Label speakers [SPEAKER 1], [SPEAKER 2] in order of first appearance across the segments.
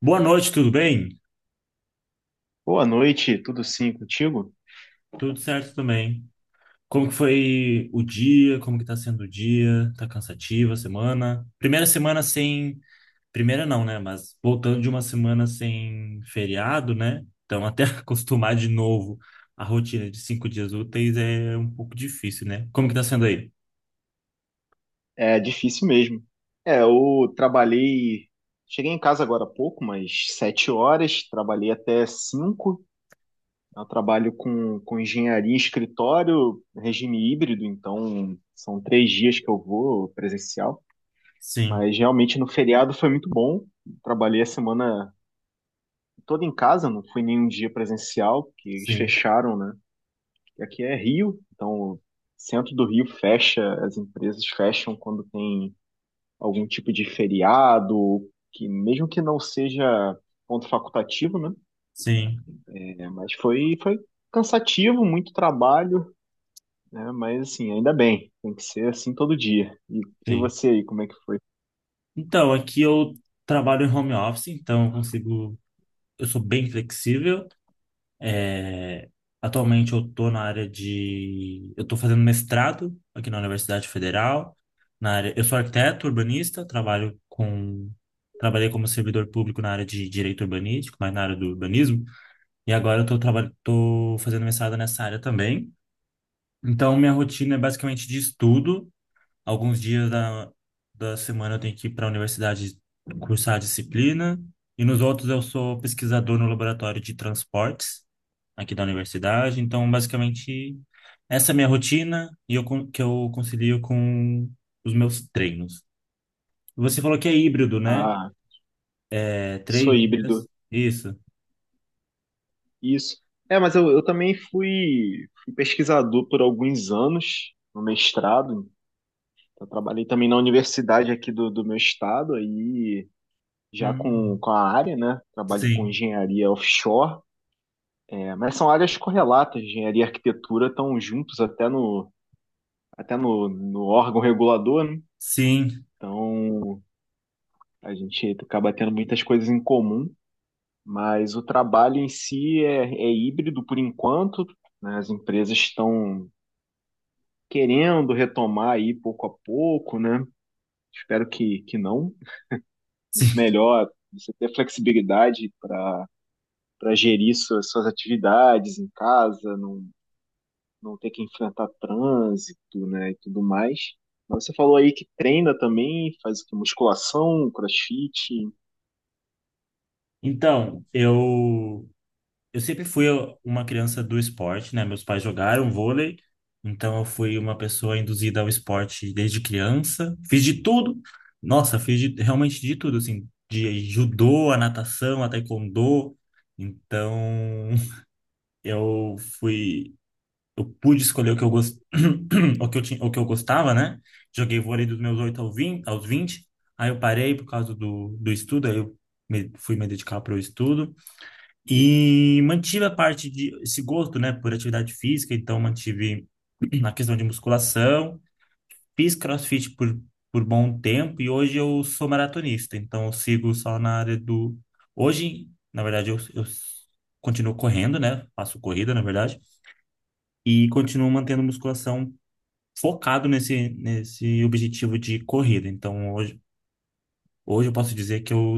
[SPEAKER 1] Boa noite, tudo bem?
[SPEAKER 2] Boa noite, tudo sim contigo?
[SPEAKER 1] Tudo certo também. Como que foi o dia? Como que tá sendo o dia? Tá cansativa a semana? Primeira semana sem... Primeira não, né? Mas voltando de uma semana sem feriado, né? Então até acostumar de novo a rotina de cinco dias úteis é um pouco difícil, né? Como que tá sendo aí?
[SPEAKER 2] É difícil mesmo. É, eu trabalhei, cheguei em casa agora há pouco, mas 7 horas, trabalhei até cinco. Eu trabalho com engenharia em escritório, regime híbrido, então são 3 dias que eu vou presencial.
[SPEAKER 1] Sim,
[SPEAKER 2] Mas realmente no feriado foi muito bom. Trabalhei a semana toda em casa, não fui nenhum dia presencial, porque eles
[SPEAKER 1] sim,
[SPEAKER 2] fecharam, né? E aqui é Rio, então o centro do Rio fecha, as empresas fecham quando tem algum tipo de feriado, que mesmo que não seja ponto facultativo, né?
[SPEAKER 1] sim,
[SPEAKER 2] É, mas foi cansativo, muito trabalho, né? Mas assim, ainda bem, tem que ser assim todo dia. E
[SPEAKER 1] sim.
[SPEAKER 2] você aí, como é que foi?
[SPEAKER 1] Então, aqui eu trabalho em home office, então eu consigo... Eu sou bem flexível. É, atualmente eu estou na área de. Eu estou fazendo mestrado aqui na Universidade Federal. Na área... Eu sou arquiteto urbanista, trabalho com. Trabalhei como servidor público na área de direito urbanístico, mas na área do urbanismo. E agora eu estou trabalhando... tô fazendo mestrado nessa área também. Então, minha rotina é basicamente de estudo. Alguns dias da semana eu tenho que ir para a universidade cursar a disciplina. E nos outros eu sou pesquisador no laboratório de transportes aqui da universidade. Então, basicamente, essa é a minha rotina e eu concilio com os meus treinos. Você falou que é híbrido, né?
[SPEAKER 2] Ah,
[SPEAKER 1] É
[SPEAKER 2] sou
[SPEAKER 1] três
[SPEAKER 2] híbrido,
[SPEAKER 1] dias. Isso.
[SPEAKER 2] isso. É, mas eu também fui pesquisador por alguns anos no mestrado. Eu trabalhei também na universidade aqui do meu estado, aí já com,
[SPEAKER 1] Hum.
[SPEAKER 2] com a área, né? Trabalho com
[SPEAKER 1] Sim,
[SPEAKER 2] engenharia offshore. Mas são áreas correlatas, engenharia e arquitetura estão juntos até no órgão regulador, né?
[SPEAKER 1] sim,
[SPEAKER 2] Então a gente acaba tendo muitas coisas em comum, mas o trabalho em si é híbrido por enquanto, né? As empresas estão querendo retomar aí pouco a pouco, né? Espero que não. Muito
[SPEAKER 1] sim.
[SPEAKER 2] melhor você ter flexibilidade para gerir suas atividades em casa, não ter que enfrentar trânsito, né, e tudo mais. Mas você falou aí que treina também, faz o quê? Musculação, crossfit,
[SPEAKER 1] Então, eu sempre fui uma criança do esporte, né? Meus pais jogaram vôlei, então eu fui uma pessoa induzida ao esporte desde criança. Fiz de tudo. Nossa, realmente de tudo, assim, de judô, a natação, a taekwondo. Então, eu fui, eu pude escolher o que eu o que eu tinha, o que eu gostava, né? Joguei vôlei dos meus 8 ao 20, aos vinte. Aí eu parei por causa do estudo, aí eu fui me dedicar para o estudo. E mantive a parte de esse gosto, né, por atividade física, então mantive na questão de musculação, fiz CrossFit por bom tempo e hoje eu sou maratonista, então eu sigo só na área do hoje, Na verdade eu continuo correndo, né? Faço corrida, na verdade, e continuo mantendo musculação focado nesse objetivo de corrida. Então hoje eu posso dizer que eu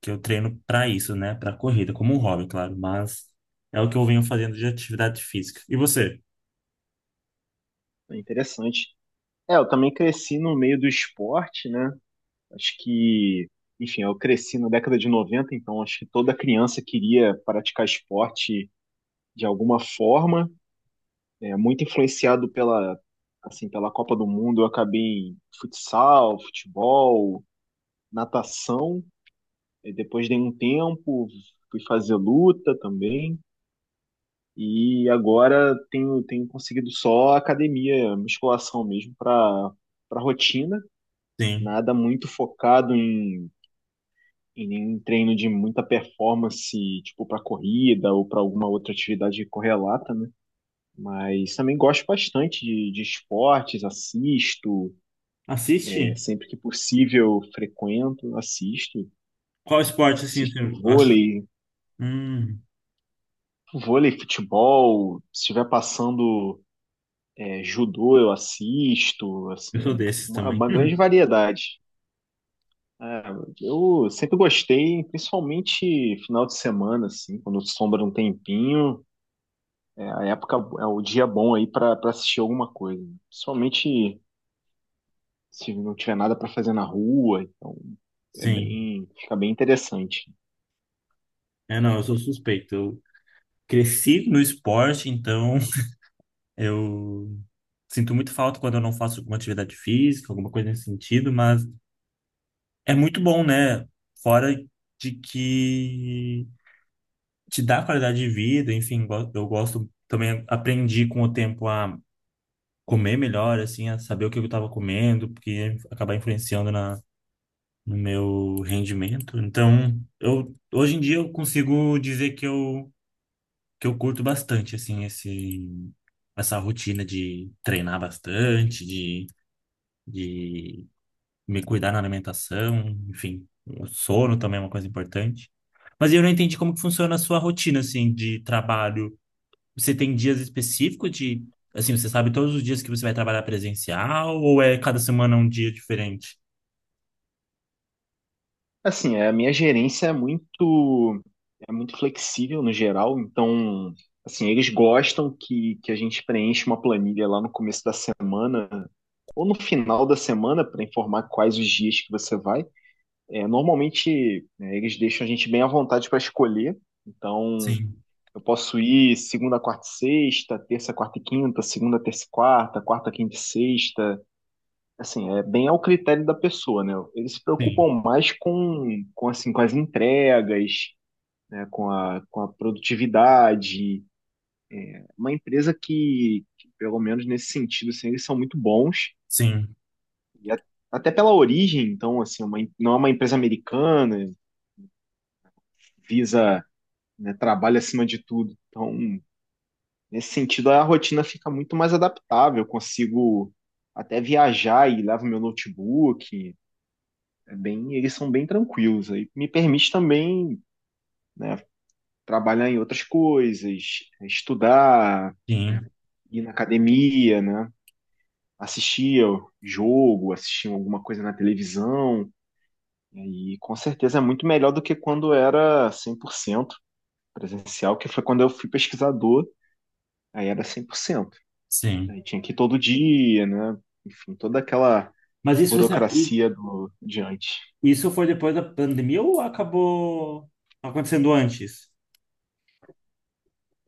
[SPEAKER 1] que eu treino para isso, né? Para corrida, como um hobby, claro, mas é o que eu venho fazendo de atividade física. E você?
[SPEAKER 2] é interessante. É, eu também cresci no meio do esporte, né? Acho que, enfim, eu cresci na década de 90, então acho que toda criança queria praticar esporte de alguma forma. É, muito influenciado pela, assim, pela Copa do Mundo, eu acabei em futsal, futebol, natação. E depois dei um tempo, fui fazer luta também. E agora tenho conseguido só academia, musculação mesmo, para rotina.
[SPEAKER 1] Sim.
[SPEAKER 2] Nada muito focado em nenhum treino de muita performance, tipo para corrida ou para alguma outra atividade correlata, né? Mas também gosto bastante de esportes, assisto,
[SPEAKER 1] Assiste?
[SPEAKER 2] é, sempre que possível frequento, assisto.
[SPEAKER 1] Qual esporte assim você
[SPEAKER 2] Assisto
[SPEAKER 1] acha?
[SPEAKER 2] vôlei,
[SPEAKER 1] Hum,
[SPEAKER 2] Vôlei, futebol, se estiver passando é, judô, eu assisto,
[SPEAKER 1] eu sou
[SPEAKER 2] assim,
[SPEAKER 1] desses
[SPEAKER 2] uma,
[SPEAKER 1] também.
[SPEAKER 2] uma grande variedade. É, eu sempre gostei, principalmente final de semana, assim, quando sobra um tempinho, é, a época é o dia bom aí para assistir alguma coisa. Principalmente se não tiver nada para fazer na rua, então é
[SPEAKER 1] Sim.
[SPEAKER 2] bem, fica bem interessante.
[SPEAKER 1] É, não, eu sou suspeito. Eu cresci no esporte, então eu sinto muito falta quando eu não faço alguma atividade física, alguma coisa nesse sentido, mas é muito bom, né? Fora de que te dá qualidade de vida, enfim, eu gosto também, aprendi com o tempo a comer melhor, assim, a saber o que eu estava comendo, porque ia acabar influenciando no meu rendimento. Então, eu hoje em dia eu consigo dizer que eu curto bastante assim esse essa rotina de treinar bastante, de me cuidar na alimentação, enfim, o sono também é uma coisa importante. Mas eu não entendi como que funciona a sua rotina assim de trabalho. Você tem dias específicos de, assim, você sabe todos os dias que você vai trabalhar presencial ou é cada semana um dia diferente?
[SPEAKER 2] Assim, é, a minha gerência muito flexível no geral, então, assim, eles gostam que a gente preencha uma planilha lá no começo da semana ou no final da semana para informar quais os dias que você vai. É, normalmente, né, eles deixam a gente bem à vontade para escolher, então
[SPEAKER 1] Sim,
[SPEAKER 2] eu posso ir segunda, quarta e sexta, terça, quarta e quinta, segunda, terça e quarta, quarta, quinta e sexta, assim, é bem ao critério da pessoa, né? Eles se
[SPEAKER 1] sim,
[SPEAKER 2] preocupam mais assim, com as entregas, né? Com a produtividade. Uma empresa que, pelo menos nesse sentido, assim, eles são muito bons.
[SPEAKER 1] sim,
[SPEAKER 2] E a- Até pela origem, então, assim, não é uma empresa americana, visa, né, trabalho acima de tudo. Então, nesse sentido, a rotina fica muito mais adaptável. Eu consigo até viajar e levo meu notebook. É bem, eles são bem tranquilos. Aí me permite também, né, trabalhar em outras coisas, estudar, né,
[SPEAKER 1] sim,
[SPEAKER 2] ir na academia, né, assistir ao jogo, assistir alguma coisa na televisão. E com certeza é muito melhor do que quando era 100% presencial, que foi quando eu fui pesquisador, aí era 100%.
[SPEAKER 1] sim.
[SPEAKER 2] Aí tinha que ir todo dia, né? Enfim, toda aquela
[SPEAKER 1] Mas isso você, i-
[SPEAKER 2] burocracia do diante.
[SPEAKER 1] isso foi depois da pandemia ou acabou acontecendo antes?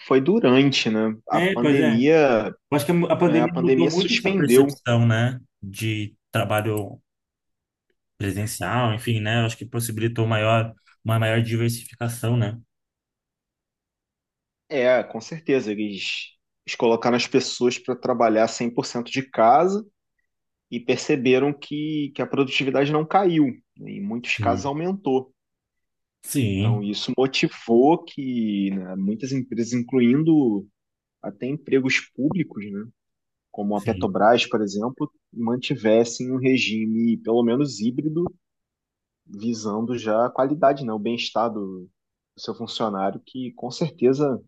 [SPEAKER 2] Foi durante, né? A
[SPEAKER 1] É, pois é.
[SPEAKER 2] pandemia.
[SPEAKER 1] Eu acho que a
[SPEAKER 2] É, a
[SPEAKER 1] pandemia mudou
[SPEAKER 2] pandemia
[SPEAKER 1] muito essa
[SPEAKER 2] suspendeu.
[SPEAKER 1] percepção, né, de trabalho presencial, enfim, né? Eu acho que possibilitou uma maior diversificação, né?
[SPEAKER 2] É, com certeza, eles colocaram as pessoas para trabalhar 100% de casa e perceberam que a produtividade não caiu, né, em muitos casos
[SPEAKER 1] Sim,
[SPEAKER 2] aumentou. Então,
[SPEAKER 1] sim,
[SPEAKER 2] isso motivou que né, muitas empresas, incluindo até empregos públicos, né, como a
[SPEAKER 1] sim,
[SPEAKER 2] Petrobras, por exemplo, mantivessem um regime, pelo menos híbrido, visando já a qualidade, né, o bem-estar do seu funcionário, que com certeza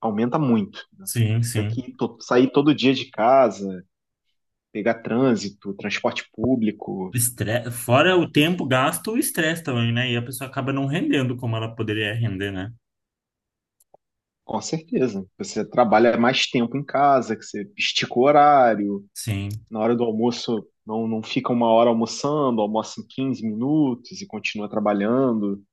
[SPEAKER 2] aumenta muito, né?
[SPEAKER 1] sim,
[SPEAKER 2] Ter
[SPEAKER 1] sim.
[SPEAKER 2] que sair todo dia de casa, pegar trânsito, transporte público,
[SPEAKER 1] Fora
[SPEAKER 2] né?
[SPEAKER 1] o tempo gasto, o estresse também, né? E a pessoa acaba não rendendo como ela poderia render, né?
[SPEAKER 2] Com certeza. Você trabalha mais tempo em casa, que você estica o horário,
[SPEAKER 1] Sim,
[SPEAKER 2] na hora do almoço não, não fica uma hora almoçando, almoça em 15 minutos e continua trabalhando.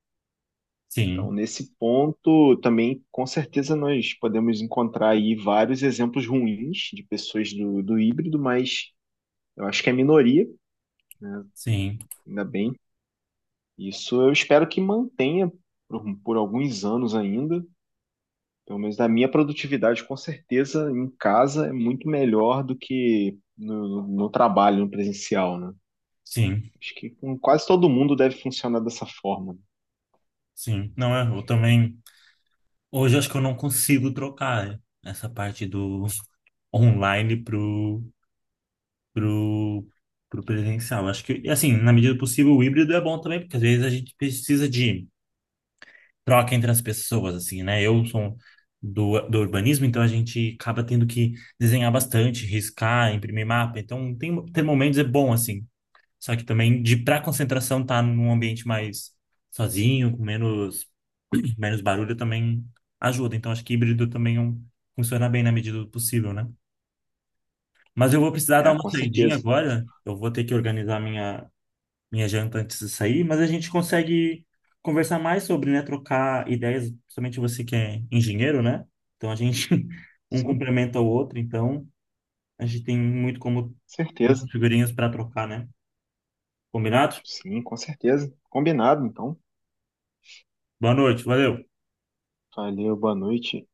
[SPEAKER 2] Então,
[SPEAKER 1] sim,
[SPEAKER 2] nesse ponto, também, com certeza, nós podemos encontrar aí vários exemplos ruins de pessoas do híbrido, mas eu acho que é minoria,
[SPEAKER 1] sim,
[SPEAKER 2] ainda bem. Isso eu espero que mantenha por alguns anos ainda. Pelo menos a minha produtividade, com certeza, em casa é muito melhor do que no trabalho, no presencial, né?
[SPEAKER 1] sim,
[SPEAKER 2] Acho que com quase todo mundo deve funcionar dessa forma.
[SPEAKER 1] sim. Não, é, eu também. Hoje eu acho que eu não consigo trocar essa parte do online pro, pro, pro presencial. Acho que, assim, na medida do possível, o híbrido é bom também, porque às vezes a gente precisa de troca entre as pessoas, assim, né? Eu sou do urbanismo, então a gente acaba tendo que desenhar bastante, riscar, imprimir mapa. Então, ter momentos é bom, assim. Só que também, de para concentração, tá num ambiente mais sozinho, com menos, menos barulho, também ajuda. Então, acho que híbrido também é funciona bem na medida do possível, né? Mas eu vou precisar dar
[SPEAKER 2] É,
[SPEAKER 1] uma
[SPEAKER 2] com
[SPEAKER 1] saidinha
[SPEAKER 2] certeza.
[SPEAKER 1] agora. Eu vou ter que organizar minha janta antes de sair, mas a gente consegue conversar mais sobre, né, trocar ideias, principalmente você que é engenheiro, né? Então a gente um
[SPEAKER 2] Sim,
[SPEAKER 1] complementa o outro, então a gente tem muito como
[SPEAKER 2] certeza.
[SPEAKER 1] muitas figurinhas para trocar, né? Combinado?
[SPEAKER 2] Sim, com certeza. Combinado, então.
[SPEAKER 1] Boa noite, valeu.
[SPEAKER 2] Valeu, boa noite.